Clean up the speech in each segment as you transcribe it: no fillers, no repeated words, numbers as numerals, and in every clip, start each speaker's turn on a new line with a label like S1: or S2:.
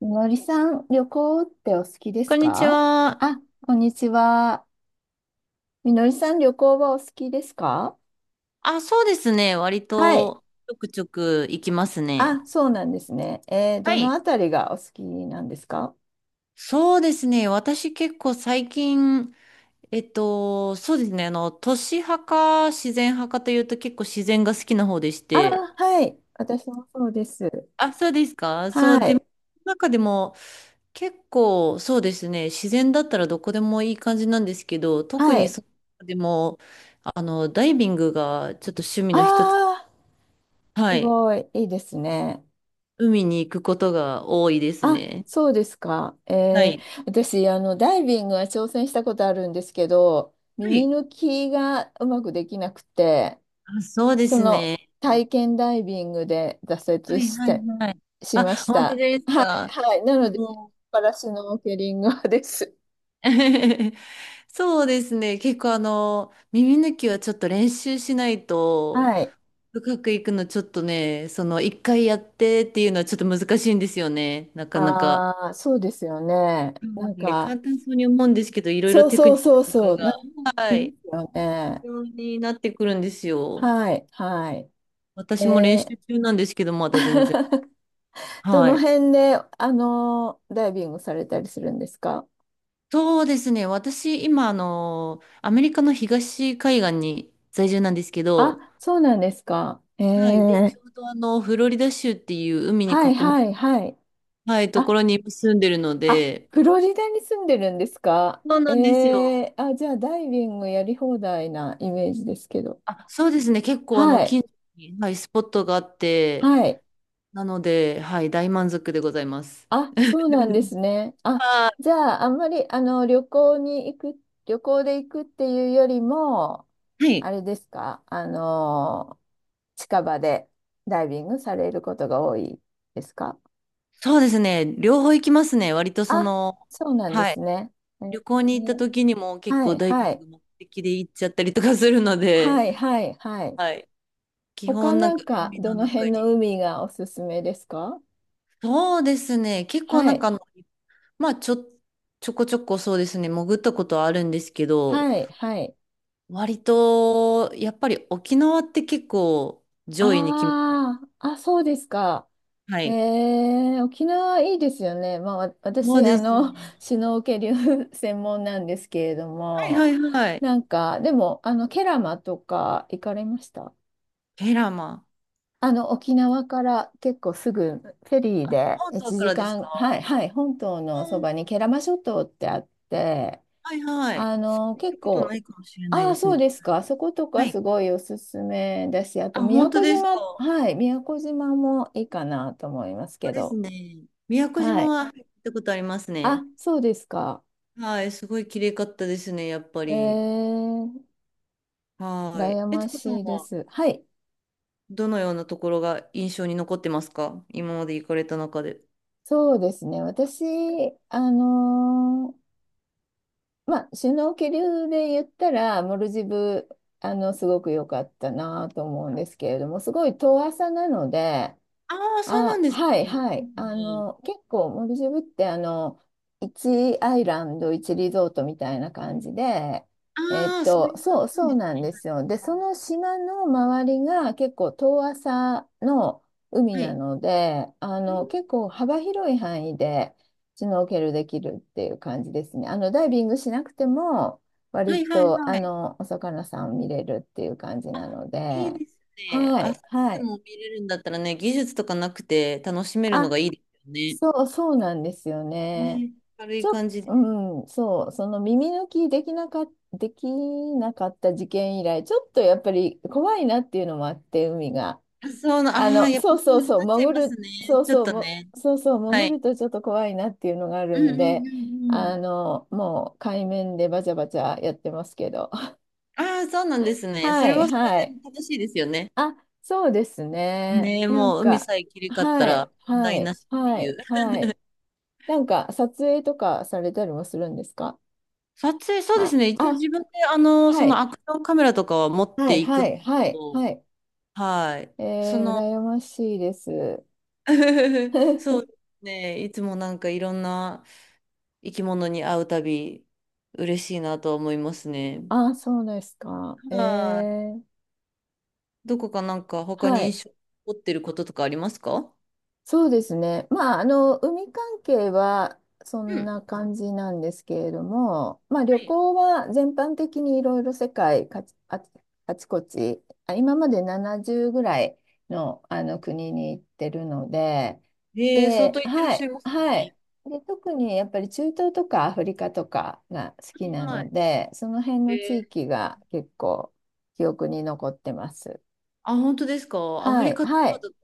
S1: みのりさん、旅行ってお好きで
S2: こ
S1: す
S2: んにち
S1: か？
S2: は。
S1: あ、こんにちは。みのりさん、旅行はお好きですか？
S2: あ、そうですね。割
S1: はい。
S2: と、ちょくちょく行きますね。
S1: あ、そうなんですね。
S2: は
S1: どの
S2: い。
S1: あたりがお好きなんですか？
S2: そうですね。私結構最近、そうですね。都市派か自然派かというと結構自然が好きな方でし
S1: あ、
S2: て。
S1: はい。私もそうです。
S2: あ、そうですか。そ
S1: は
S2: う、で、
S1: い。
S2: 中でも結構そうですね。自然だったらどこでもいい感じなんですけど、特
S1: は
S2: に
S1: い。
S2: そ、でも、ダイビングがちょっと趣味
S1: あ
S2: の一つ。
S1: あ、
S2: は
S1: す
S2: い。
S1: ごい。いいですね。
S2: 海に行くことが多いです
S1: あ、
S2: ね。
S1: そうですか。
S2: はい。
S1: 私、ダイビングは挑戦したことあるんですけど、
S2: は
S1: 耳
S2: い。
S1: 抜きがうまくできなくて、
S2: あ、そうで
S1: そ
S2: す
S1: の
S2: ね。
S1: 体験ダイビングで挫
S2: は
S1: 折
S2: い、
S1: し
S2: はい、
S1: て、
S2: はい。
S1: しま
S2: あ、
S1: し
S2: 本当
S1: た。
S2: ですか。
S1: はい。なので、
S2: もう
S1: パラシュノーケリングはです。
S2: そうですね。結構耳抜きはちょっと練習しないと、
S1: はい。
S2: 深く行くのちょっとね、その一回やってっていうのはちょっと難しいんですよね。なかなか。は
S1: ああ、そうですよね。なん
S2: い、
S1: か、
S2: 簡単そうに思うんですけど、いろいろ
S1: そう
S2: テク
S1: そ
S2: ニ
S1: う
S2: ック
S1: そう
S2: とか
S1: そう、な
S2: が、
S1: んかい
S2: はい、
S1: ますよね。
S2: 必要になってくるんですよ。
S1: はい、はい。
S2: 私も練
S1: えー
S2: 習中なんですけど、まだ全然。
S1: ど
S2: は
S1: の
S2: い。
S1: 辺で、ダイビングされたりするんですか？
S2: そうですね。私、今、アメリカの東海岸に在住なんですけど、
S1: あ、そうなんですか。
S2: はい。で、ちょうどフロリダ州っていう海に囲
S1: はい、
S2: ま、
S1: はい、はい。
S2: はい、と
S1: あ、
S2: ころに今住んでるの
S1: あ、
S2: で、
S1: フロリダに住んでるんですか？
S2: そうなんですよ。
S1: あ、じゃあダイビングやり放題なイメージですけど。
S2: あ、そうですね。結構、
S1: はい、
S2: 近所に、はい、スポットがあって、
S1: はい。
S2: なので、はい、大満足でございます。
S1: あ、そうなんで すね。あ、
S2: あ
S1: じゃああんまりあの旅行に行く、旅行で行くっていうよりも、
S2: ー、はい。
S1: あれですか？近場でダイビングされることが多いですか？
S2: そうですね。両方行きますね。割とそ
S1: あ、
S2: の、
S1: そうなんで
S2: は
S1: す
S2: い。
S1: ね。え
S2: 旅行に行った
S1: ー
S2: 時にも結
S1: は
S2: 構
S1: い、
S2: ダイ
S1: は
S2: ビン
S1: い、
S2: グ目的で行っちゃったりとかするの
S1: は
S2: で、
S1: い、はい、はい。
S2: はい。基
S1: 他
S2: 本なん
S1: な
S2: か
S1: んか、
S2: 海の
S1: どの辺
S2: 中
S1: の
S2: に。
S1: 海がおすすめですか？
S2: そうですね。結構
S1: は
S2: なん
S1: い。
S2: かまあちょ、ちょこちょこそうですね。潜ったことはあるんですけど、
S1: はい。はい。
S2: 割とやっぱり沖縄って結構上位に来ます。
S1: ああ、あ、そうですか。
S2: は
S1: え
S2: い。
S1: 沖縄いいですよね。まあ、わ
S2: そう
S1: 私、
S2: ですね。
S1: シュノーケリング 専門なんですけれど
S2: はいは
S1: も、
S2: いはい。
S1: でも、ケラマとか行かれました？
S2: ペラマ。
S1: 沖縄から結構すぐフェリー
S2: あ、
S1: で
S2: 本島
S1: 1
S2: からで
S1: 時
S2: すか？
S1: 間、はい、はい、本島の
S2: う
S1: そ
S2: ん、
S1: ばにケラマ諸島ってあって、
S2: はいはい。そういった
S1: 結
S2: こと
S1: 構、
S2: ないかもしれない
S1: あ
S2: で
S1: あ、
S2: す
S1: そう
S2: ね。
S1: ですか。そこと
S2: は
S1: か
S2: い。
S1: すごいおすすめだし、あと
S2: あ、
S1: 宮
S2: 本当
S1: 古
S2: です
S1: 島、
S2: か。
S1: はい、宮古島もいいかなと思います
S2: そう
S1: け
S2: です
S1: ど。
S2: ね。宮古
S1: は
S2: 島
S1: い。
S2: は、はい、行ったことあります
S1: あ、
S2: ね。
S1: そうですか。
S2: はい、すごい綺麗かったですね、やっぱ
S1: え
S2: り。
S1: ー、
S2: はい。
S1: 羨
S2: え
S1: ま
S2: つこさん
S1: しいで
S2: は
S1: す。はい。
S2: どのようなところが印象に残ってますか？今まで行かれた中で。
S1: そうですね。私、あのーまあ、首脳気流で言ったら、モルジブ、すごく良かったなと思うんですけれども、すごい遠浅なので、
S2: ああ、そうな
S1: あ、
S2: んです
S1: はい
S2: ね。で
S1: はい。
S2: すね。
S1: 結構モルジブって1アイランド、1リゾートみたいな感じで、
S2: ああ、そういう感
S1: そ
S2: じ
S1: う
S2: なん
S1: そう
S2: です
S1: なん
S2: ね。
S1: ですよ。で、その島の周りが結構遠浅の海
S2: は
S1: な
S2: い。
S1: ので、結構幅広い範囲でシュノーケルできるっていう感じですね。ダイビングしなくても、
S2: は
S1: 割
S2: いはいは
S1: と
S2: いはい。
S1: お魚さん見れるっていう感じな
S2: あ、
S1: の
S2: いい
S1: で、
S2: ですね。
S1: は
S2: あ、そ
S1: い
S2: う。
S1: は
S2: で
S1: い。
S2: も見れるんだったらね、技術とかなくて楽しめるの
S1: あ
S2: がいいですよね。
S1: そう、そうなんですよね。
S2: ね、軽い感じで。
S1: うん、そう、その耳抜きできなかった事件以来、ちょっとやっぱり怖いなっていうのもあって、海が。
S2: あそうな、ああ、やっぱ
S1: そう
S2: そ
S1: そう
S2: う
S1: そう、
S2: なっちゃい
S1: 潜
S2: ます
S1: る、
S2: ね。
S1: そう
S2: ちょっ
S1: そう、
S2: と
S1: も、
S2: ね。
S1: そうそう、
S2: は
S1: 潜
S2: い。
S1: るとちょっと怖いなっていうのがあ
S2: う
S1: る
S2: んう
S1: ん
S2: ん
S1: で、
S2: うんうん。
S1: もう海面でバチャバチャやってますけど。
S2: ああ、そうなんで すね。そ
S1: は
S2: れ
S1: い、
S2: はそれ
S1: は
S2: で
S1: い。
S2: 楽しいですよね。
S1: あ、そうですね。
S2: ねえ、
S1: なん
S2: もう海
S1: か、
S2: さえ切り替わった
S1: は
S2: ら
S1: い、
S2: 問
S1: は
S2: 題
S1: い、
S2: なしって
S1: は
S2: いう。
S1: い、はい。なんか撮影とかされたりもするんですか？
S2: 撮影、そうです
S1: あ、
S2: ね。一応
S1: あ、
S2: 自分で、そ
S1: は
S2: の
S1: い、
S2: アクションカメラとかは持っ
S1: は
S2: て
S1: い、
S2: いくん
S1: は
S2: です
S1: い、
S2: け
S1: はい、
S2: ど、
S1: はい。
S2: はい。
S1: え
S2: その、
S1: 羨ましいです。
S2: そうで すね。いつもなんかいろんな生き物に会うたび、嬉しいなと思いますね。
S1: あ、そうですか。
S2: はい。どこかなんか他
S1: は
S2: に
S1: い。
S2: 印象に残ってることとかありますか？
S1: そうですね。まあ、海関係はそ
S2: う
S1: ん
S2: ん。
S1: な感じなんですけれども、まあ、
S2: は
S1: 旅
S2: い。
S1: 行は全般的にいろいろ世界かちあ、あちこち、あ、今まで70ぐらいの、あの国に行ってるので、
S2: えー相
S1: で、
S2: 当行ってらっ
S1: は
S2: しゃ
S1: い、
S2: います
S1: はい。
S2: ね。
S1: で、特にやっぱり中東とかアフリカとかが好きな
S2: はいは
S1: の
S2: い。
S1: で、その辺
S2: え
S1: の地
S2: ー
S1: 域が結構記憶に残ってます。
S2: あ、本当ですか。アフ
S1: は
S2: リ
S1: い、
S2: カと
S1: は
S2: か
S1: い。
S2: だと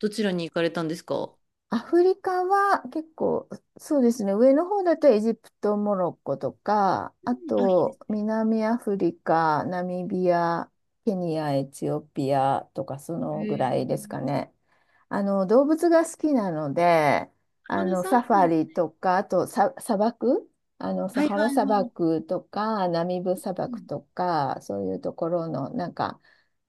S2: どちらに行かれたんですか？う
S1: アフリカは結構、そうですね、上の方だとエジプト、モロッコとか、あ
S2: ん。あ、いいで
S1: と
S2: すね。
S1: 南アフリカ、ナミビア、ケニア、エチオピアとかそ
S2: へ
S1: のぐら
S2: え。
S1: いですかね。動物が好きなので、
S2: あー、そう
S1: サフ
S2: なん
S1: ァ
S2: で
S1: リ
S2: す。
S1: とか、あと砂漠、サ
S2: はい
S1: ハラ
S2: はい
S1: 砂
S2: はい。
S1: 漠とか、ナミブ砂
S2: う
S1: 漠
S2: ん。
S1: とか、そういうところの、なんか、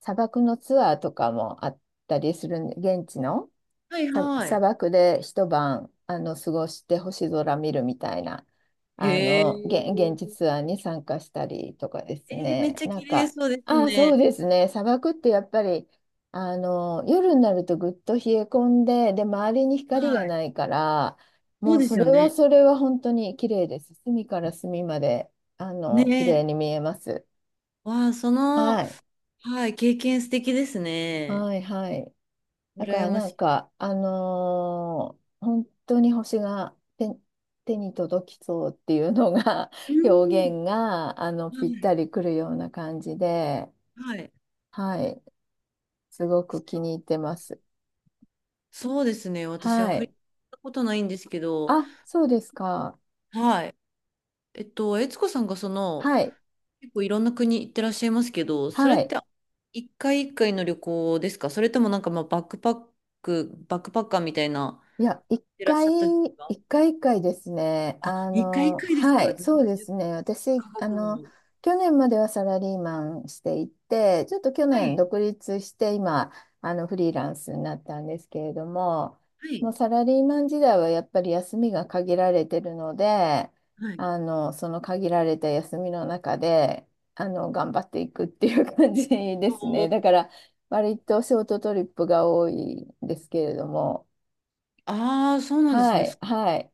S1: 砂漠のツアーとかもあったりするんで、現地の。
S2: はいは
S1: 砂
S2: い。
S1: 漠で一晩過ごして星空見るみたいな
S2: へ
S1: 現、
S2: え。
S1: 現地ツアーに参加したりとかです
S2: めっ
S1: ね。
S2: ちゃ
S1: な
S2: 綺
S1: ん
S2: 麗
S1: か、
S2: そうです
S1: ああ、そう
S2: ね。
S1: ですね。砂漠ってやっぱり夜になるとぐっと冷え込んで、で、周りに
S2: は
S1: 光が
S2: い。
S1: ないから、
S2: そ
S1: も
S2: う
S1: う
S2: で
S1: そ
S2: す
S1: れ
S2: よ
S1: は
S2: ね。
S1: それは本当に綺麗です。隅から隅まで
S2: ね
S1: 綺
S2: え。
S1: 麗に見えます。
S2: わあ、そ
S1: は
S2: の、
S1: い。
S2: はい、経験素敵ですね。
S1: はい、はい。だか
S2: 羨
S1: ら
S2: ま
S1: な
S2: し
S1: ん
S2: い。
S1: か、本当に星が手に届きそうっていうのが
S2: う
S1: 表
S2: ん。
S1: 現がぴっ
S2: はい
S1: たりくるような感じで、
S2: はい。
S1: はい、すごく気に入ってます。
S2: そうですね。私、ア
S1: は
S2: フリカ
S1: い。
S2: 行ったことないんですけど、
S1: あ、そうですか。
S2: はい。悦子さんがその、
S1: はい。
S2: 結構いろんな国行ってらっしゃいますけど、それっ
S1: はい。
S2: て一回一回の旅行ですか？それともなんかまあバックパッカーみたいな、
S1: いや、
S2: いらっしゃったんですか？
S1: 一回一回ですね。
S2: あ、一回一回です
S1: は
S2: か
S1: い、そうで
S2: ?70
S1: すね。私、
S2: カ国も。
S1: 去年まではサラリーマンしていて、ちょっと去
S2: は
S1: 年
S2: い。
S1: 独立して、今、フリーランスになったんですけれども、
S2: は
S1: も
S2: い。
S1: うサラリーマン時代はやっぱり休みが限られてるので、
S2: はい。
S1: その限られた休みの中で、頑張っていくっていう感じですね。だから、割とショートトリップが多いんですけれども、
S2: ああー、そうなんです
S1: は
S2: ね。
S1: い、はい。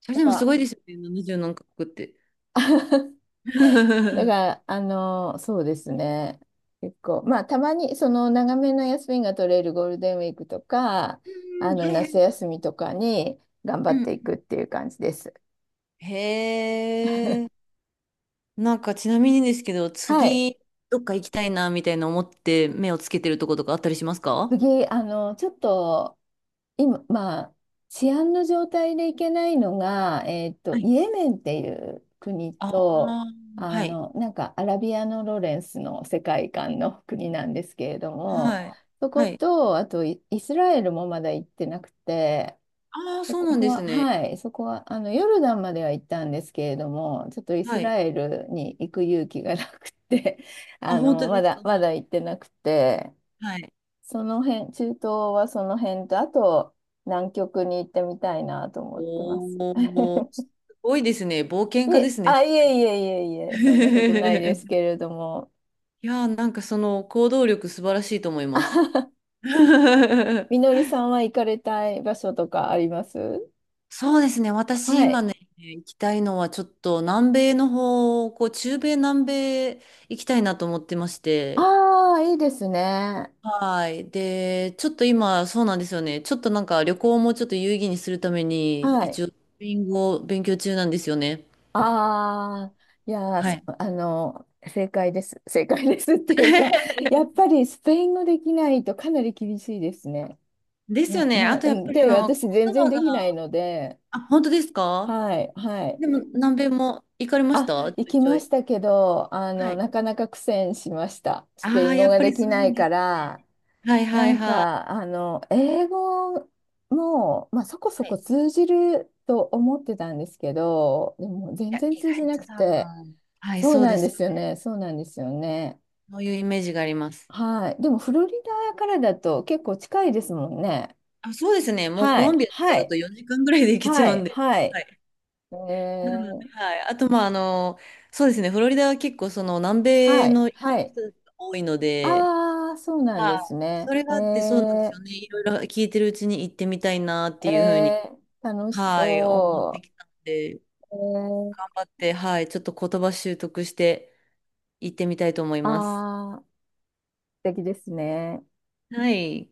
S2: そ
S1: な
S2: れ
S1: ん
S2: でもすご
S1: か、
S2: いですよね。70何カ国って。う
S1: だか
S2: ん、
S1: ら、そうですね。結構、まあ、たまに、その、長めの休みが取れるゴールデンウィークとか、
S2: はいは
S1: 夏
S2: い。
S1: 休みとかに頑張
S2: う
S1: っていく
S2: ん。
S1: っていう感じです。
S2: へえ。なんかちなみにですけど、
S1: はい。
S2: 次、どっか行きたいな、みたいな思って目をつけてるとことかあったりしますか？
S1: 次、ちょっと、今、まあ、治安の状態でいけないのが、
S2: はい。
S1: イエメンっていう国
S2: あ
S1: と、
S2: あ、はい。
S1: なんかアラビアのロレンスの世界観の国なんですけれども、
S2: はい。
S1: そこ
S2: はい。
S1: と、あとイスラエルもまだ行ってなくて、
S2: ああ、
S1: そ
S2: そう
S1: こ
S2: なんです
S1: は、
S2: ね。
S1: はい、そこは、ヨルダンまでは行ったんですけれども、ちょっとイス
S2: はい。
S1: ラエルに行く勇気がなくて、
S2: あ、本当で
S1: ま
S2: す
S1: だ、
S2: か。
S1: ま
S2: は
S1: だ
S2: い。
S1: 行ってなくて、
S2: はい。
S1: その辺、中東はその辺と、あと南極に行ってみたいなと思ってま
S2: お
S1: す。
S2: お、すごいですね。冒険
S1: い
S2: 家で
S1: え、
S2: すね、本
S1: あ、い
S2: 当
S1: え
S2: に。
S1: いえいえいえ、そんなことないです けれども。
S2: いやー、なんかその行動力素晴らしいと思います。
S1: み のりさんは行かれたい場所とかあります？
S2: そうですね。私
S1: は
S2: 今
S1: い。
S2: ね、行きたいのはちょっと南米の方、こう中米南米行きたいなと思ってまして。
S1: ああ、いいですね。
S2: はい。で、ちょっと今、そうなんですよね。ちょっとなんか旅行もちょっと有意義にするために、
S1: はい。
S2: 一応、スペイン語を勉強中なんですよね。
S1: ああ、いやー、
S2: は
S1: そ
S2: い。
S1: あの、正解です。正解ですっていうか、やっぱりスペイン語できないとかなり厳しいですね。
S2: ですよね。あとやっぱり
S1: で、私全
S2: 言
S1: 然
S2: 葉
S1: で
S2: が、
S1: きないので、
S2: あ、本当ですか？
S1: はい、はい。
S2: でも南米も行かれまし
S1: あ、
S2: た？ち
S1: 行
S2: ょい
S1: き
S2: ちょ
S1: まし
S2: い。
S1: たけど、
S2: はい。
S1: なかなか苦戦しました。スペ
S2: あ
S1: イ
S2: あ、
S1: ン語
S2: やっ
S1: が
S2: ぱ
S1: で
S2: り
S1: き
S2: そう
S1: な
S2: なん
S1: い
S2: で
S1: か
S2: すね。
S1: ら、
S2: はい
S1: な
S2: はい
S1: ん
S2: はい。
S1: か、英語も、まあ、そこそ
S2: はい。
S1: こ
S2: い
S1: 通じると思ってたんですけど、でも全
S2: や、
S1: 然
S2: 意
S1: 通じ
S2: 外
S1: なく
S2: と多
S1: て、
S2: 分。はい、
S1: そう
S2: そう
S1: な
S2: で
S1: んで
S2: す。
S1: すよね、そうなんですよね。
S2: そういうイメージがあります。
S1: はい。でも、フロリダからだと結構近いですもんね。
S2: あ、そうですね。もうコ
S1: は
S2: ロン
S1: い、
S2: ビアとか
S1: は
S2: だと
S1: い、
S2: 4時間ぐらいで行けちゃ
S1: は
S2: う
S1: い、
S2: んで。
S1: はい。
S2: はい。
S1: え
S2: なので、
S1: ー、
S2: はい。あと、まあ、そうですね。フロリダは結構、その、南
S1: は
S2: 米
S1: い、
S2: の人
S1: は
S2: たち
S1: い。
S2: が多いので、
S1: ああ、そうなんで
S2: は
S1: す
S2: い。そ
S1: ね。
S2: れがあって、そうなんですよね。いろいろ聞いてるうちに行ってみたいなっていうふう
S1: え
S2: に、
S1: 楽し
S2: はい、思って
S1: そ
S2: きたので、
S1: う。
S2: 頑張って、はい。ちょっと言葉習得して行ってみたいと思います。
S1: ああ、素敵ですね。
S2: はい。